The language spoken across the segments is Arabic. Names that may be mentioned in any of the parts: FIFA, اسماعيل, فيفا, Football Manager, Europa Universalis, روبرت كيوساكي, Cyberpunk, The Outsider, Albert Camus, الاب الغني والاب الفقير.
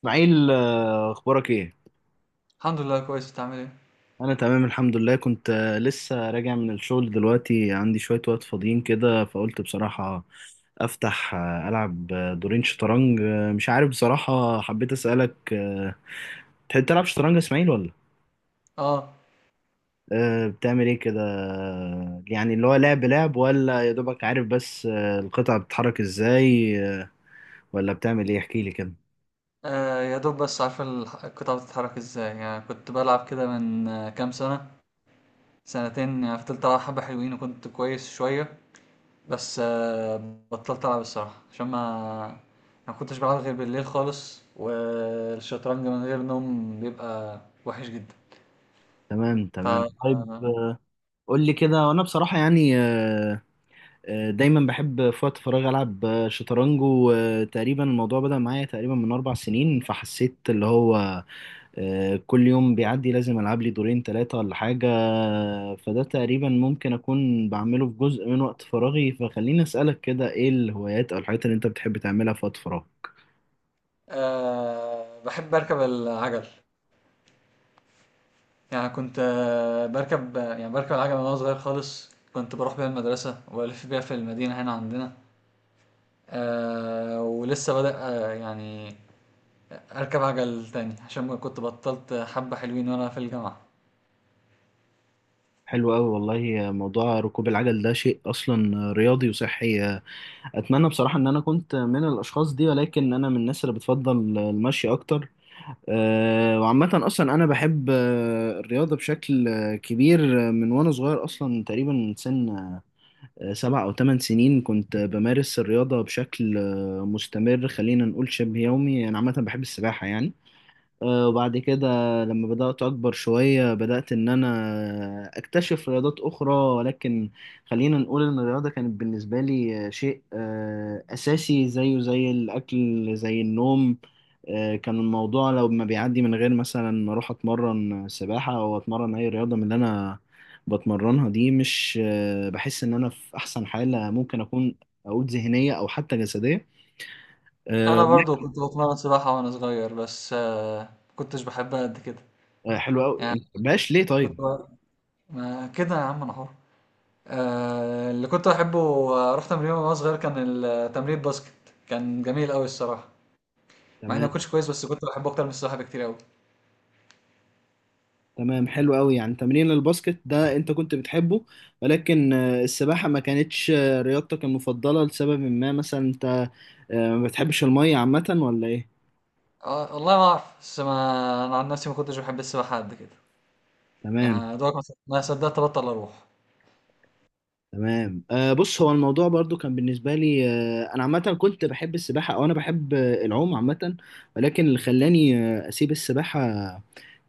اسماعيل، اخبارك ايه؟ الحمد لله كويس، انت عامل ايه؟ انا تمام الحمد لله. كنت لسه راجع من الشغل دلوقتي، عندي شوية وقت فاضيين كده، فقلت بصراحة افتح العب دورين شطرنج. مش عارف بصراحة، حبيت اسألك. تحب تلعب شطرنج يا اسماعيل ولا؟ اه. بتعمل ايه كده؟ يعني اللي هو لعب لعب، ولا يا دوبك عارف بس القطع بتتحرك ازاي؟ ولا بتعمل ايه؟ احكي لي كده. يا دوب بس عارف القطعة بتتحرك ازاي، يعني كنت بلعب كده من كام سنة سنتين. يعني فضلت العب حبة حلوين وكنت كويس شوية بس بطلت العب الصراحة عشان ما كنتش بلعب غير بالليل خالص، والشطرنج من غير نوم بيبقى وحش جدا. تمام، ف تمام، طيب. آه، قول لي كده. وانا بصراحة يعني، دايما بحب في وقت فراغي العب شطرنج، وتقريبا الموضوع بدأ معايا تقريبا من 4 سنين، فحسيت اللي هو كل يوم بيعدي لازم العب لي دورين ثلاثة ولا حاجة. فده تقريبا ممكن اكون بعمله في جزء من وقت فراغي. فخليني اسألك كده، ايه الهوايات او الحاجات اللي انت بتحب تعملها في وقت فراغ؟ آه، بحب اركب العجل. يعني كنت باركب العجلة من وأنا صغير خالص، كنت باروح بيها المدرسة وألف بيها في المدينة هنا عندنا. ولسه بادئ يعني أركب عجل تاني عشان كنت بطلت حبة حلوين وأنا في الجامعة. حلو قوي والله. موضوع ركوب العجل ده شيء اصلا رياضي وصحي. اتمنى بصراحه ان انا كنت من الاشخاص دي، ولكن انا من الناس اللي بتفضل المشي اكتر. وعامة أصلا أنا بحب الرياضة بشكل كبير، من وأنا صغير. أصلا تقريبا من سن 7 أو 8 سنين كنت بمارس الرياضة بشكل مستمر، خلينا نقول شبه يومي. أنا عامة بحب السباحة يعني. وبعد كده لما بدأت أكبر شوية، بدأت إن أنا أكتشف رياضات أخرى. ولكن خلينا نقول إن الرياضة كانت بالنسبة لي شيء أساسي، زيه زي الأكل زي النوم. كان الموضوع لو ما بيعدي من غير مثلا ما أروح أتمرن سباحة أو أتمرن أي رياضة من اللي أنا بتمرنها دي، مش بحس إن أنا في أحسن حالة ممكن أكون، أقول ذهنية أو حتى جسدية. أنا آه، برضو كنت بتمرن سباحة وأنا صغير بس ما كنتش بحبها قد كده. حلو يعني أوي، مبقاش ليه كنت طيب؟ ب- ما كده يا عم أنا حر. اللي كنت بحبه وأروح تمرين وأنا صغير كان التمرين باسكت، كان جميل أوي الصراحة، مع إني تمام، ما كنتش كويس بس كنت بحبه أكتر من السباحة بكتير أوي. تمام، حلو قوي. يعني تمرين الباسكت ده انت كنت بتحبه، ولكن السباحة ما كانتش رياضتك المفضلة لسبب ما؟ مثلا انت ما بتحبش المية عامة ولا ايه؟ والله ما أعرف، بس ما أنا عن نفسي ما كنتش بحب السباحة قد كده، تمام، يعني دوبك ما صدقت أبطل أروح. تمام. بص، هو الموضوع برضو كان بالنسبة لي أنا عامة كنت بحب السباحة، أو أنا بحب العوم عامة. ولكن اللي خلاني أسيب السباحة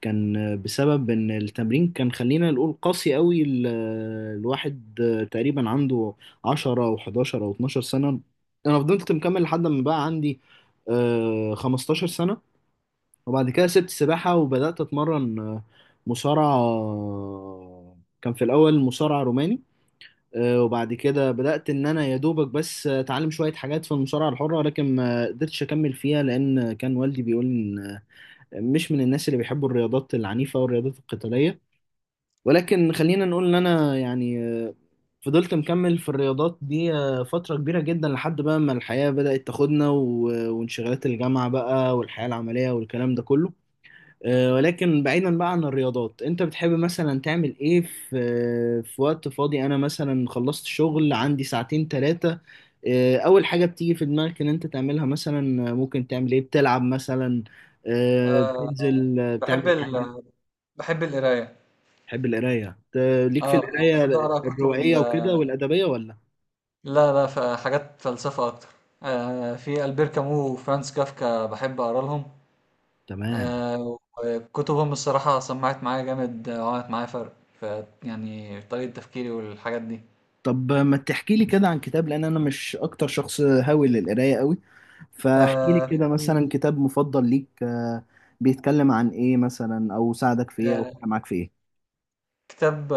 كان بسبب ان التمرين كان، خلينا نقول، قاسي قوي. الواحد تقريبا عنده 10 او 11 او 12 سنة، انا فضلت مكمل لحد ما بقى عندي 15 سنة. وبعد كده سبت سباحة، وبدأت اتمرن مصارعة. كان في الاول مصارع روماني. وبعد كده بدأت ان انا يا دوبك بس اتعلم شوية حاجات في المصارعة الحرة، لكن ما قدرتش اكمل فيها لان كان والدي بيقول مش من الناس اللي بيحبوا الرياضات العنيفة والرياضات القتالية. ولكن خلينا نقول ان انا يعني، فضلت مكمل في الرياضات دي فترة كبيرة جدا، لحد بقى ما الحياة بدأت تاخدنا وانشغالات الجامعة بقى، والحياة العملية والكلام ده كله. مم. ولكن بعيدا بقى عن الرياضات، انت بتحب مثلا تعمل ايه في وقت فاضي؟ انا مثلا خلصت شغل، عندي ساعتين ثلاثة، اول حاجة بتيجي في دماغك ان انت تعملها مثلا؟ ممكن تعمل ايه؟ بتلعب مثلا؟ أه، بتنزل؟ بحب بتعمل حاجة؟ ال... بحب القراية. بحب القراية. ليك في اه، يعني بحب القراية أقرأ كتب الروائية ال... وكده والأدبية ولا؟ لا لا، حاجات فلسفة أكتر. في ألبير كامو وفرانس كافكا بحب أقرأ لهم. تمام. أه وكتبهم الصراحة سمعت معايا جامد، وعملت معايا فرق، ف يعني في طريقة تفكيري والحاجات دي. طب ما تحكي لي كده عن كتاب، لان انا مش اكتر شخص هاوي للقرايه قوي. فاحكي لي أه كده في- مثلا كتاب مفضل ليك بيتكلم عن ايه مثلا، او ساعدك في ايه، او آه، فرق معاك في ايه؟ كتاب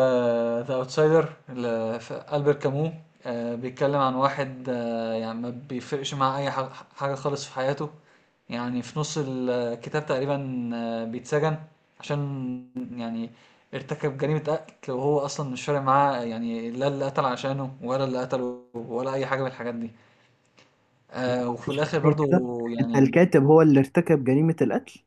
ذا اوتسايدر لألبير كامو، بيتكلم عن واحد يعني ما بيفرقش مع اي حاجة خالص في حياته. يعني في نص الكتاب تقريبا بيتسجن عشان يعني ارتكب جريمة قتل، وهو أصلا مش فارق معاه، يعني لا اللي قتل عشانه ولا اللي قتله ولا أي حاجة من الحاجات دي. لا وفي معلش، الآخر ثانيه كده. برضو انت يعني. الكاتب هو اللي ارتكب جريمه القتل؟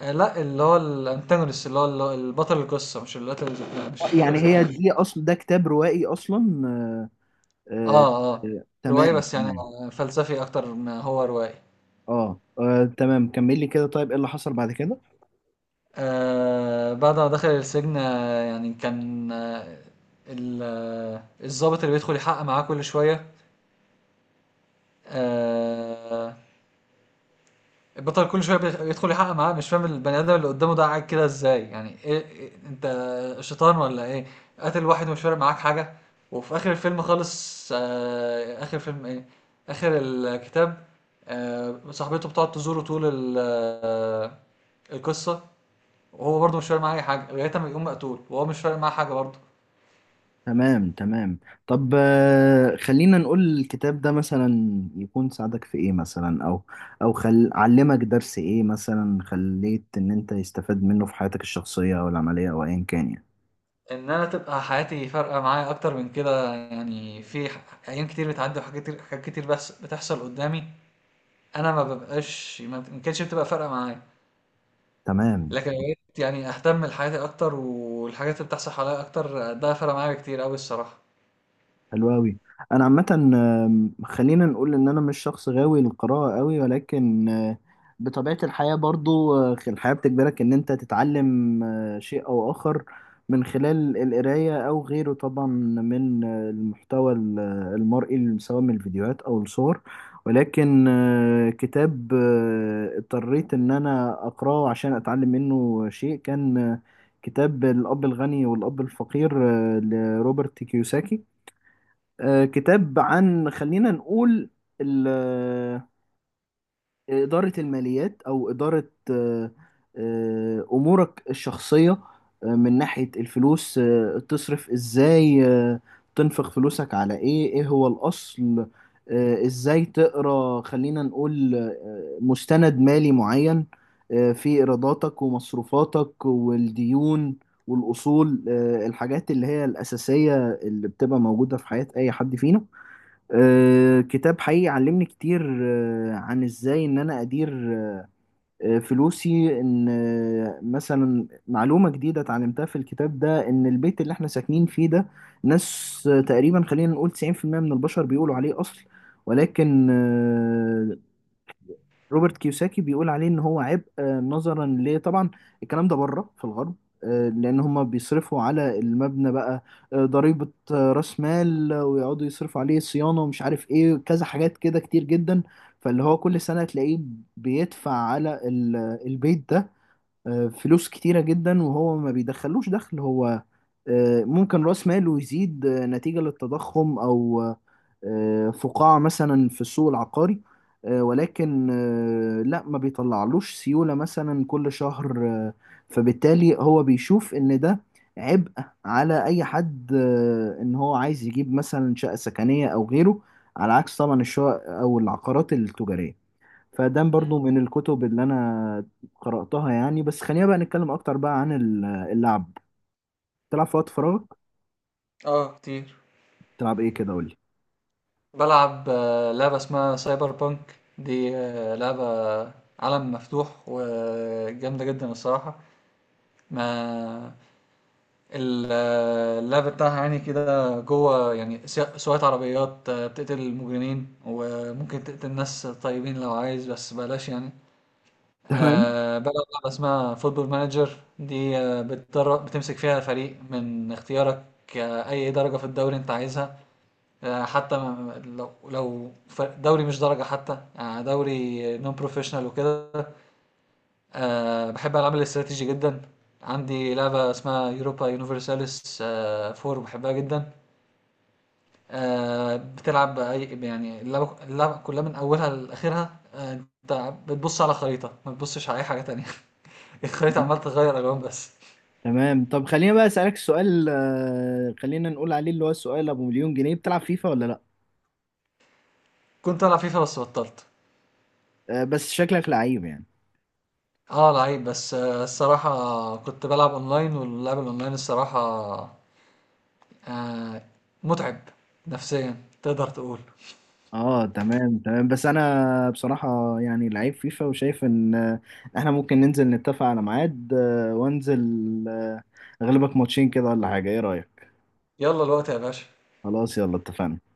لا، اللي هو الأنتاجونست، اللي هو البطل القصة مش اللي قتل، مش القاتل يعني هي ذات. دي اصلا، ده كتاب روائي اصلا؟ آه، آه، آه. رواية، تمام، بس يعني تمام. فلسفي أكتر ما هو رواية. اه، تمام، كمل لي كده. طيب ايه اللي حصل بعد كده؟ بعد ما دخل السجن يعني كان الضابط اللي بيدخل يحقق معاه كل شوية. آه البطل كل شويه بيدخل يحقق معاه، مش فاهم البني ادم اللي قدامه ده قاعد كده ازاي، يعني ايه انت شيطان ولا ايه؟ قاتل واحد ومش فارق معاك حاجه. وفي اخر الفيلم خالص آه اخر فيلم ايه اخر الكتاب، صاحبته بتقعد تزوره طول القصه، وهو برضه مش فارق معاه اي حاجه لغايه ما يقوم مقتول وهو مش فارق معاه حاجه برضه. تمام، تمام. طب، خلينا نقول الكتاب ده مثلا يكون ساعدك في ايه مثلا، او علمك درس ايه مثلا، خليت ان انت يستفاد منه في حياتك الشخصية او العملية او ايا كان يعني؟ ان انا تبقى حياتي فارقه معايا اكتر من كده، يعني ايام كتير بتعدي وحاجات كتير حاجات كتير بتحصل قدامي، أنا ما بابقاش ما بت- ما كانتش بتبقى فارقة معايا. تمام، لكن بقيت يعني أهتم لحياتي أكتر، والحاجات اللي بتحصل حواليّا أكتر ده فرق معايا كتير أوي الصراحة. حلو قوي. انا عامه خلينا نقول ان انا مش شخص غاوي للقراءه قوي، ولكن بطبيعه الحياه برضو الحياه بتجبرك ان انت تتعلم شيء او اخر، من خلال القرايه او غيره طبعا، من المحتوى المرئي، سواء من الفيديوهات او الصور. ولكن كتاب اضطريت ان انا اقراه عشان اتعلم منه شيء كان كتاب الاب الغني والاب الفقير، لروبرت كيوساكي. كتاب عن، خلينا نقول، ال- آه، إدارة الماليات أو إدارة أمورك الشخصية من ناحية الفلوس، تصرف إزاي، تنفق فلوسك على إيه، إيه هو الأصل، إزاي تقرأ، خلينا نقول، مستند مالي معين في إيراداتك ومصروفاتك والديون والأصول، الحاجات اللي هي الأساسية اللي بتبقى موجودة في حياة أي حد فينا. كتاب حقيقي علمني كتير عن ازاي ان انا ادير فلوسي. ان مثلا معلومة جديدة اتعلمتها في الكتاب ده، ان البيت اللي احنا ساكنين فيه ده، ناس تقريبا خلينا نقول 90% من البشر بيقولوا عليه اصل، ولكن روبرت كيوساكي بيقول عليه ان هو عبء. نظرا ليه طبعا، الكلام ده بره في الغرب، لان هم بيصرفوا على المبنى بقى ضريبة راس مال، ويقعدوا يصرفوا عليه صيانة ومش عارف ايه كذا حاجات كده كتير جدا. فاللي هو كل سنة تلاقيه بيدفع على البيت ده فلوس كتيرة جدا، وهو ما بيدخلوش دخل. هو ممكن راس ماله يزيد نتيجة للتضخم، او فقاعة مثلا في السوق العقاري، ولكن لا، ما بيطلعلوش سيولة مثلا كل شهر. فبالتالي هو بيشوف ان ده عبء على اي حد، ان هو عايز يجيب مثلا شقة سكنية او غيره، على عكس طبعا الشقق او العقارات التجارية. فده إمم. برضو من الكتب اللي انا قرأتها يعني. بس خلينا بقى نتكلم اكتر بقى عن اللعب. تلعب في وقت فراغك؟ آه، كتير. تلعب ايه كده قولي؟ بالعب لعبة اسمها سايبر بانك، دي لعبة عالم مفتوح وجامدة جدًا الصراحة. ما ال آه، اللعب بتاعها يعني كده جوّه، يعني سواقة عربيات، بتقتل المجرمين وممكن تقتل ناس طيبين لو عايز بس بلاش يعني. تمام، بلعب لعبة اسمها فوتبول مانجر، دي بتمسك فيها فريق من اختيارك، أي درجة في الدوري أنت عايزها، آه حتى ما- لو دوري مش درجة حتى، دوري نون بروفيشنال وكده. بحب ألعاب الاستراتيجي جدا. عندي لعبة اسمها يوروبا يونيفرساليس فور، بحبها جدا. بتلعب أي يعني اللعبة كلها من أولها لآخرها، أنت بتبص على خريطة ما بتبصش على أي حاجة تانية الخريطة عمال تغير ألوان بس. تمام. طب خلينا بقى اسالك سؤال، خلينا نقول عليه اللي هو السؤال ابو مليون جنيه. بتلعب فيفا ولا لا؟ كنت ألعب فيفا بس بطلت. بس شكلك لعيب يعني. اه، لعيب، بس الصراحة كنت بلعب اونلاين، واللعب الاونلاين الصراحة آه، متعب نفسيا، تقدر تقول. اه، تمام، تمام. بس انا بصراحة يعني لعيب فيفا وشايف ان احنا ممكن ننزل نتفق على ميعاد، وانزل آه، اغلبك ماتشين كده ولا حاجة. ايه رأيك؟ يلا الوقت يا باشا. خلاص، يلا، اتفقنا.